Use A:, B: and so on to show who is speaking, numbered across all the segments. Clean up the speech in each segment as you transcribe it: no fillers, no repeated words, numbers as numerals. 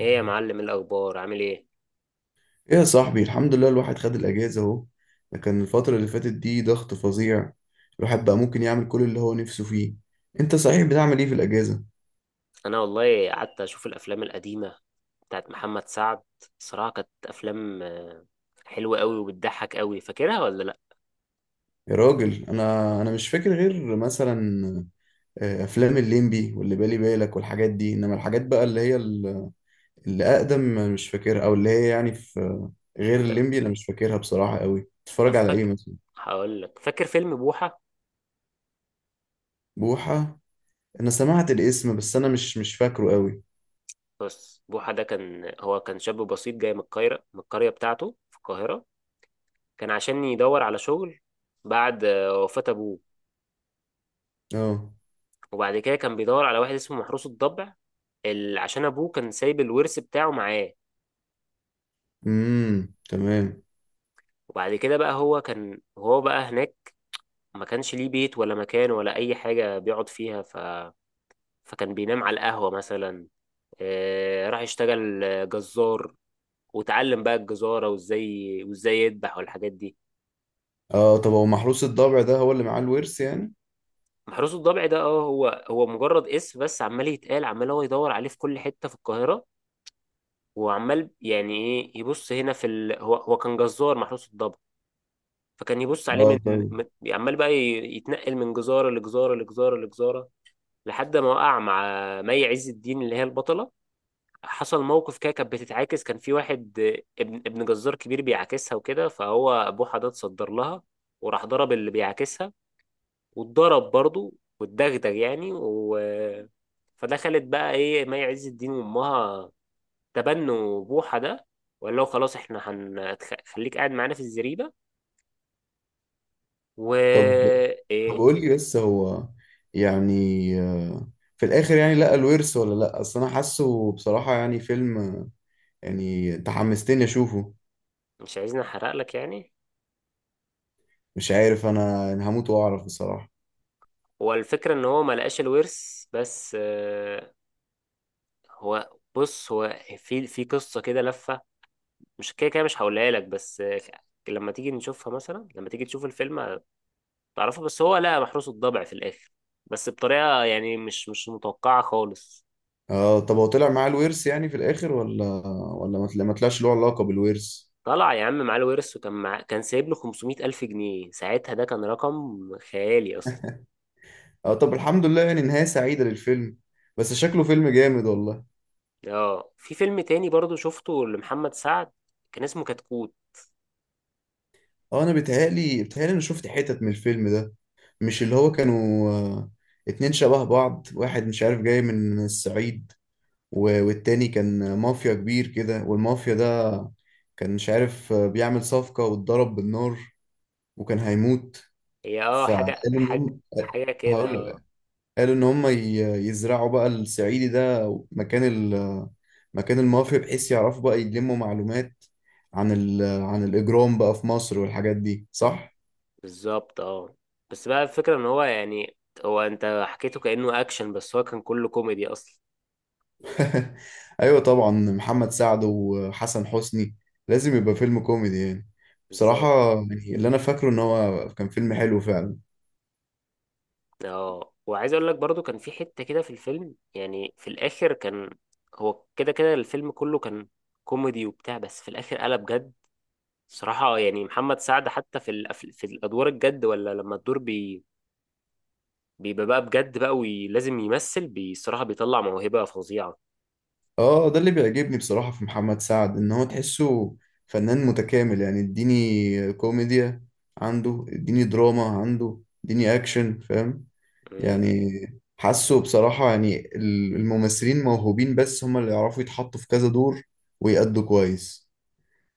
A: ايه يا معلم، إيه الاخبار، عامل ايه؟
B: ايه يا صاحبي، الحمد لله الواحد خد الاجازه اهو. لكن الفتره اللي فاتت دي ضغط فظيع. الواحد بقى ممكن يعمل كل اللي هو نفسه فيه. انت صحيح بتعمل ايه في الاجازه؟
A: انا والله قعدت اشوف الافلام القديمه بتاعت محمد سعد. صراحه كانت افلام حلوه قوي وبتضحك قوي. فاكرها ولا لا؟
B: يا راجل انا مش فاكر غير مثلا افلام الليمبي واللي بالي بالك والحاجات دي، انما الحاجات بقى اللي هي اللي اقدم أنا مش فاكرها، او اللي هي يعني في غير
A: انت
B: الليمبي انا مش فاكرها بصراحه قوي.
A: طب،
B: تتفرج على ايه
A: فاكر؟
B: مثلا؟
A: هقول لك، فاكر فيلم بوحه؟
B: بوحه. انا سمعت الاسم بس انا مش فاكره قوي.
A: بص، بوحه ده كان هو كان شاب بسيط جاي من القريه بتاعته في القاهره. كان عشان يدور على شغل بعد وفاه ابوه.
B: اه.
A: وبعد كده كان بيدور على واحد اسمه محروس الضبع، عشان ابوه كان سايب الورث بتاعه معاه.
B: امم، تمام.
A: وبعد كده بقى هو كان هو بقى هناك، ما كانش ليه بيت ولا مكان ولا اي حاجه بيقعد فيها. فكان بينام على القهوه مثلا. راح يشتغل جزار، وتعلم بقى الجزاره، وازاي يذبح والحاجات دي.
B: اه، طب هو محروس الضبع ده هو اللي معاه الورث يعني؟
A: محروس الضبع ده، هو مجرد اسم، بس عمال يتقال، عمال هو يدور عليه في كل حته في القاهره. وعمال يعني ايه يبص هنا في. هو كان جزار محروس الضبع، فكان يبص عليه
B: اه، طيب.
A: من- عمال بقى يتنقل من جزاره لجزاره لجزاره لجزاره لحد ما وقع مع مي عز الدين اللي هي البطله. حصل موقف كده، كانت بتتعاكس، كان في واحد ابن جزار كبير بيعاكسها وكده، فهو ابوه حد اتصدر لها، وراح ضرب اللي بيعاكسها، واتضرب برضه، واتدغدغ يعني. فدخلت بقى ايه مي عز الدين وامها تبنوا بوحة ده، وقال له خلاص احنا هنخليك قاعد معانا في الزريبة و
B: طب طب
A: ايه؟
B: قول لي بس هو يعني، آه، في الاخر يعني لقى الورث ولا لا؟ اصل انا حاسه بصراحة يعني فيلم، يعني انت حمستني اشوفه.
A: مش عايزني احرق لك يعني.
B: مش عارف، انا هموت واعرف بصراحة.
A: هو الفكرة ان هو ما لقاش الورث، بس هو بص، هو في قصة كده لفة مش كده كده، مش هقولها لك، بس لما تيجي تشوف الفيلم تعرفها. بس هو لا، محروس الضبع في الاخر، بس بطريقه يعني مش متوقعه خالص.
B: اه، طب هو طلع معاه الورث يعني في الاخر، ولا ما طلعش له علاقة بالورث؟
A: طلع يا عم معاه الورث، وكان مع... كان سايب له 500 ألف جنيه. ساعتها ده كان رقم خيالي أصلا.
B: اه، طب الحمد لله، يعني نهاية سعيدة للفيلم. بس شكله فيلم جامد والله.
A: اه، في فيلم تاني برضو شفته لمحمد سعد، كان اسمه كتكوت.
B: اه، انا بيتهيألي انا شفت حتت من الفيلم ده. مش اللي هو كانوا، اتنين شبه بعض، واحد مش عارف جاي من الصعيد، والتاني كان مافيا كبير كده، والمافيا ده كان مش عارف، بيعمل صفقة واتضرب بالنار، وكان هيموت.
A: هي اه،
B: فقالوا
A: حاجة
B: إن
A: حاجة
B: هم...
A: حاجة كده
B: هقول
A: اه
B: لك. قالوا إن هم يزرعوا بقى الصعيدي ده مكان مكان المافيا، بحيث يعرفوا بقى يلموا معلومات عن عن الإجرام بقى في مصر والحاجات دي، صح؟
A: بالظبط، اه. بس بقى الفكرة ان هو يعني، هو انت حكيته كأنه اكشن، بس هو كان كله كوميدي اصلا.
B: ايوه طبعا، محمد سعد وحسن حسني لازم يبقى فيلم كوميدي يعني.
A: بالظبط،
B: بصراحة يعني اللي انا فاكره ان هو كان فيلم حلو فعلا.
A: اه. وعايز اقول لك برضو، كان في حتة كده في الفيلم يعني في الاخر، كان هو كده كده الفيلم كله كان كوميدي وبتاع، بس في الاخر قلب جد. صراحة يعني محمد سعد حتى في في الادوار الجد، ولا لما الدور بيبقى بقى بجد بقى، ولازم يمثل، بصراحة بيطلع موهبة فظيعة.
B: اه، ده اللي بيعجبني بصراحة في محمد سعد، ان هو تحسه فنان متكامل. يعني اديني كوميديا عنده، اديني دراما عنده، اديني اكشن، فاهم؟
A: مم.
B: يعني حاسه بصراحة يعني الممثلين موهوبين، بس هما اللي يعرفوا يتحطوا في كذا دور ويأدوا كويس.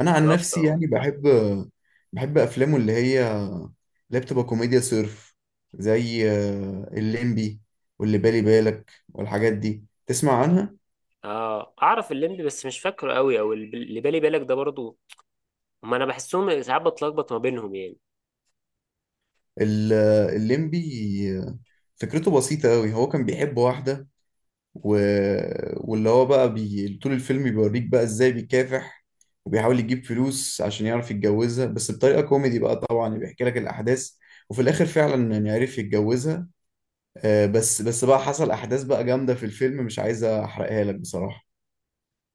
B: انا عن
A: بالظبط،
B: نفسي
A: اه.
B: يعني بحب افلامه اللي هي اللي بتبقى كوميديا صرف، زي الليمبي واللي بالي بالك والحاجات دي تسمع عنها.
A: اه، اعرف الليمبي بس مش فاكره قوي، او اللي بالي بالك ده برضو. هما انا بحسهم ساعات بتلخبط ما بينهم يعني.
B: ال- الليمبي، آه، فكرته بسيطة أوي. هو كان بيحب واحدة، و... واللي هو بقى طول الفيلم بيوريك بقى إزاي بيكافح وبيحاول يجيب فلوس عشان يعرف يتجوزها، بس بطريقة كوميدي بقى طبعا، بيحكي لك الأحداث. وفي الآخر فعلا يعني عرف يتجوزها. بس بقى حصل احداث بقى جامده في الفيلم، مش عايز احرقها لك بصراحه.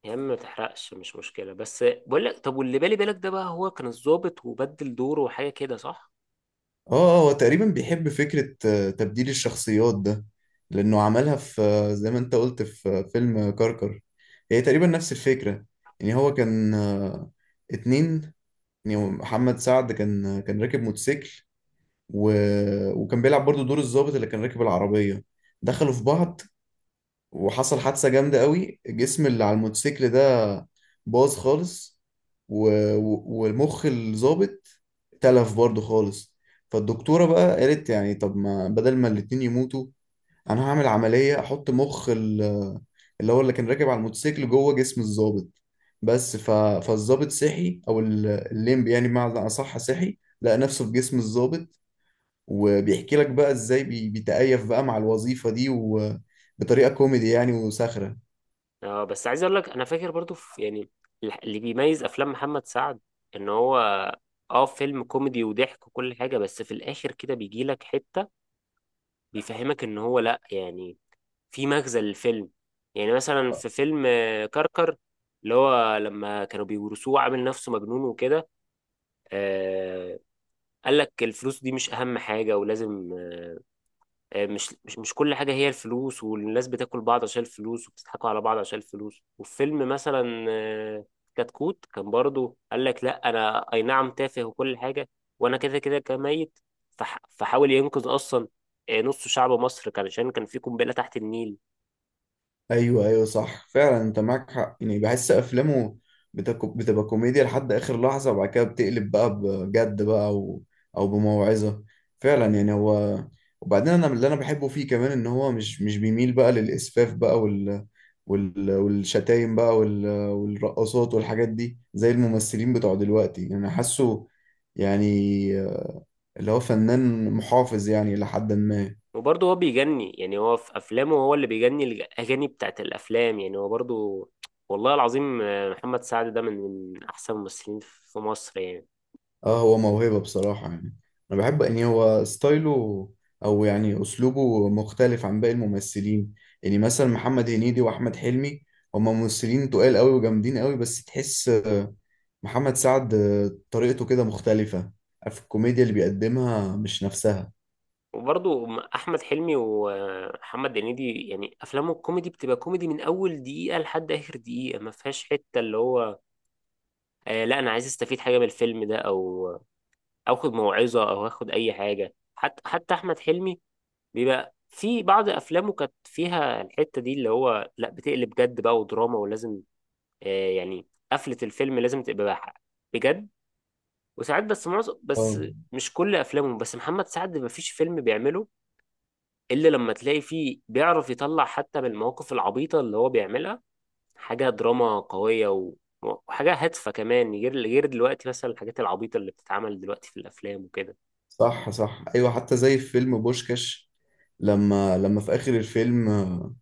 A: يا عم ما تحرقش، مش مشكلة، بس بقول لك، طب واللي بالي بالك ده بقى، هو كان الضابط وبدل دوره وحاجة كده، صح؟
B: اه، هو تقريبا بيحب فكره تبديل الشخصيات ده. لانه عملها في زي ما انت قلت، في فيلم كركر. هي تقريبا نفس الفكره. يعني هو كان، اتنين، يعني هو محمد سعد كان، كان راكب موتوسيكل، و... وكان بيلعب برضو دور الضابط اللي كان راكب العربيه. دخلوا في بعض، وحصل حادثة جامدة قوي. الجسم اللي على الموتوسيكل ده باظ خالص، و... والمخ الظابط تلف برضه خالص. فالدكتورة بقى قالت يعني، طب ما بدل ما الاتنين يموتوا انا هعمل عملية احط مخ اللي هو اللي كان راكب على الموتوسيكل جوه جسم الظابط. بس فالظابط صحي، او الليمبي يعني بمعنى اصح، صحي لقى نفسه في جسم الظابط. وبيحكي لك بقى ازاي بيتكيف بقى مع الوظيفة دي، وبطريقة كوميدي يعني وساخرة.
A: اه، بس عايز اقول لك، انا فاكر برضو في يعني اللي بيميز افلام محمد سعد، ان هو اه فيلم كوميدي وضحك وكل حاجة، بس في الاخر كده بيجي لك حتة بيفهمك ان هو لا يعني في مغزى للفيلم. يعني مثلا في فيلم كركر، اللي هو لما كانوا بيورثوه عامل نفسه مجنون وكده آه قال لك الفلوس دي مش اهم حاجة، ولازم مش مش كل حاجة هي الفلوس، والناس بتاكل بعض عشان الفلوس، وبتضحكوا على بعض عشان الفلوس. وفيلم مثلا كتكوت، كان برضو قال لك لا، انا اي نعم تافه وكل حاجة، وانا كده كده كميت، فحاول ينقذ اصلا نص شعب مصر، كان عشان كان في قنبلة تحت النيل.
B: ايوه ايوه، صح فعلا انت معاك حق. يعني بحس افلامه بتبقى كوميديا لحد اخر لحظة، وبعد كده بتقلب بقى بجد بقى، او بموعظة. فعلا يعني هو، وبعدين انا اللي انا بحبه فيه كمان ان هو مش بيميل بقى للاسفاف بقى، والشتايم بقى والرقصات والحاجات دي زي الممثلين بتوع دلوقتي. انا حاسه يعني اللي هو فنان محافظ يعني، لحد ما...
A: وبرضه هو بيجني، يعني هو في افلامه، هو اللي بيجني الاغاني بتاعت الافلام، يعني هو برضه، والله العظيم محمد سعد ده من احسن الممثلين في مصر يعني.
B: اه، هو موهبة بصراحة يعني. انا بحب ان هو ستايله، او يعني اسلوبه، مختلف عن باقي الممثلين. يعني مثلا محمد هنيدي واحمد حلمي، هما ممثلين تقال قوي وجامدين قوي، بس تحس محمد سعد طريقته كده مختلفة في الكوميديا اللي بيقدمها، مش نفسها.
A: وبرضه احمد حلمي ومحمد هنيدي، يعني افلامه الكوميدي بتبقى كوميدي من اول دقيقه لحد اخر دقيقه، ما فيهاش حته اللي هو لا، انا عايز استفيد حاجه من الفيلم ده، أو اخد موعظه، او اخد اي حاجه. حتى احمد حلمي بيبقى في بعض افلامه كانت فيها الحته دي، اللي هو لا، بتقلب جد بقى ودراما، ولازم يعني قفله الفيلم لازم تبقى بجد. وساعات، بس معظم، بس
B: اه،
A: مش كل افلامه، بس محمد سعد ما فيش فيلم بيعمله الا لما تلاقي فيه بيعرف يطلع حتى من المواقف العبيطه اللي هو بيعملها حاجه دراما قويه، وحاجه هادفه كمان، غير دلوقتي مثلا الحاجات العبيطه اللي بتتعمل دلوقتي في الافلام وكده.
B: صح صح، ايوه. حتى زي في فيلم بوشكاش، لما في اخر الفيلم،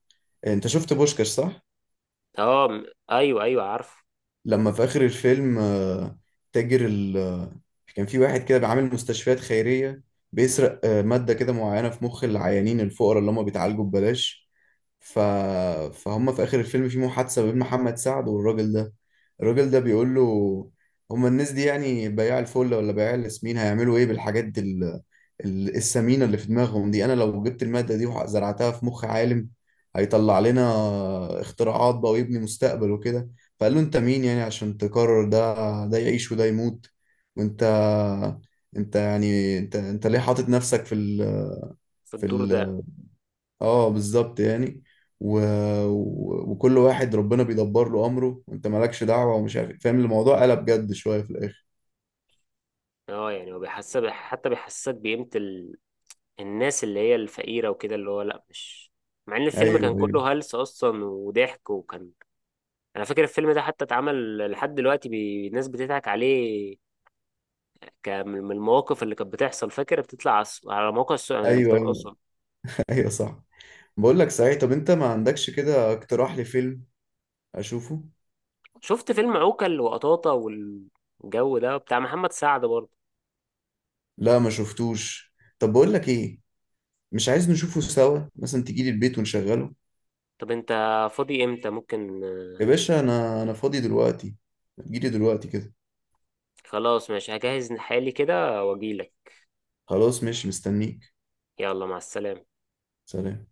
B: انت شفت بوشكاش، صح؟
A: اه، ايوه، ايوه، عارف.
B: لما في آخر الفيلم تاجر ال آه، كان في واحد كده بيعامل مستشفيات خيرية، بيسرق مادة كده معينة في مخ العيانين الفقراء اللي هم بيتعالجوا ببلاش. ف... فهم في آخر الفيلم في محادثة بين محمد سعد والراجل ده. الراجل ده بيقول له: هم الناس دي يعني بياع الفل ولا بياع الياسمين هيعملوا ايه بالحاجات السمينة اللي في دماغهم دي؟ انا لو جبت المادة دي وزرعتها في مخ عالم، هيطلع لنا اختراعات بقى ويبني مستقبل وكده. فقال له: انت مين يعني عشان تقرر ده ده يعيش وده يموت؟ وانت انت يعني انت انت ليه حاطط نفسك في ال
A: في
B: في
A: الدور ده.
B: ال اه، بالظبط يعني. و... وكل واحد ربنا بيدبر له امره، وانت مالكش دعوه، ومش عارف إيه. فاهم؟ الموضوع قلب جد شويه في الاخر.
A: اه يعني هو بيحسب، حتى بيحسسك بقيمه الناس اللي هي الفقيره وكده، اللي هو لا، مش مع ان الفيلم كان
B: ايوه ايوه
A: كله هلس اصلا وضحك وكان. انا فاكر الفيلم ده حتى اتعمل لحد دلوقتي، الناس بتضحك عليه، كان من المواقف اللي كانت بتحصل. فاكر بتطلع على على موقع
B: ايوه ايوه.
A: التواصل.
B: ايوه صح. بقول لك صحيح، طب انت ما عندكش كده اقتراح لفيلم اشوفه؟
A: شفت فيلم عوكل وقطاطة والجو ده بتاع محمد سعد برضه؟
B: لا ما شفتوش. طب بقول لك ايه، مش عايز نشوفه سوا؟ مثلا تيجي لي البيت ونشغله.
A: طب انت فاضي امتى؟ ممكن
B: يا
A: آه،
B: باشا انا فاضي دلوقتي، جيلي دلوقتي كده.
A: خلاص ماشي، هجهز حالي كده واجيلك.
B: خلاص ماشي، مستنيك.
A: يلا، مع السلامة.
B: سلام.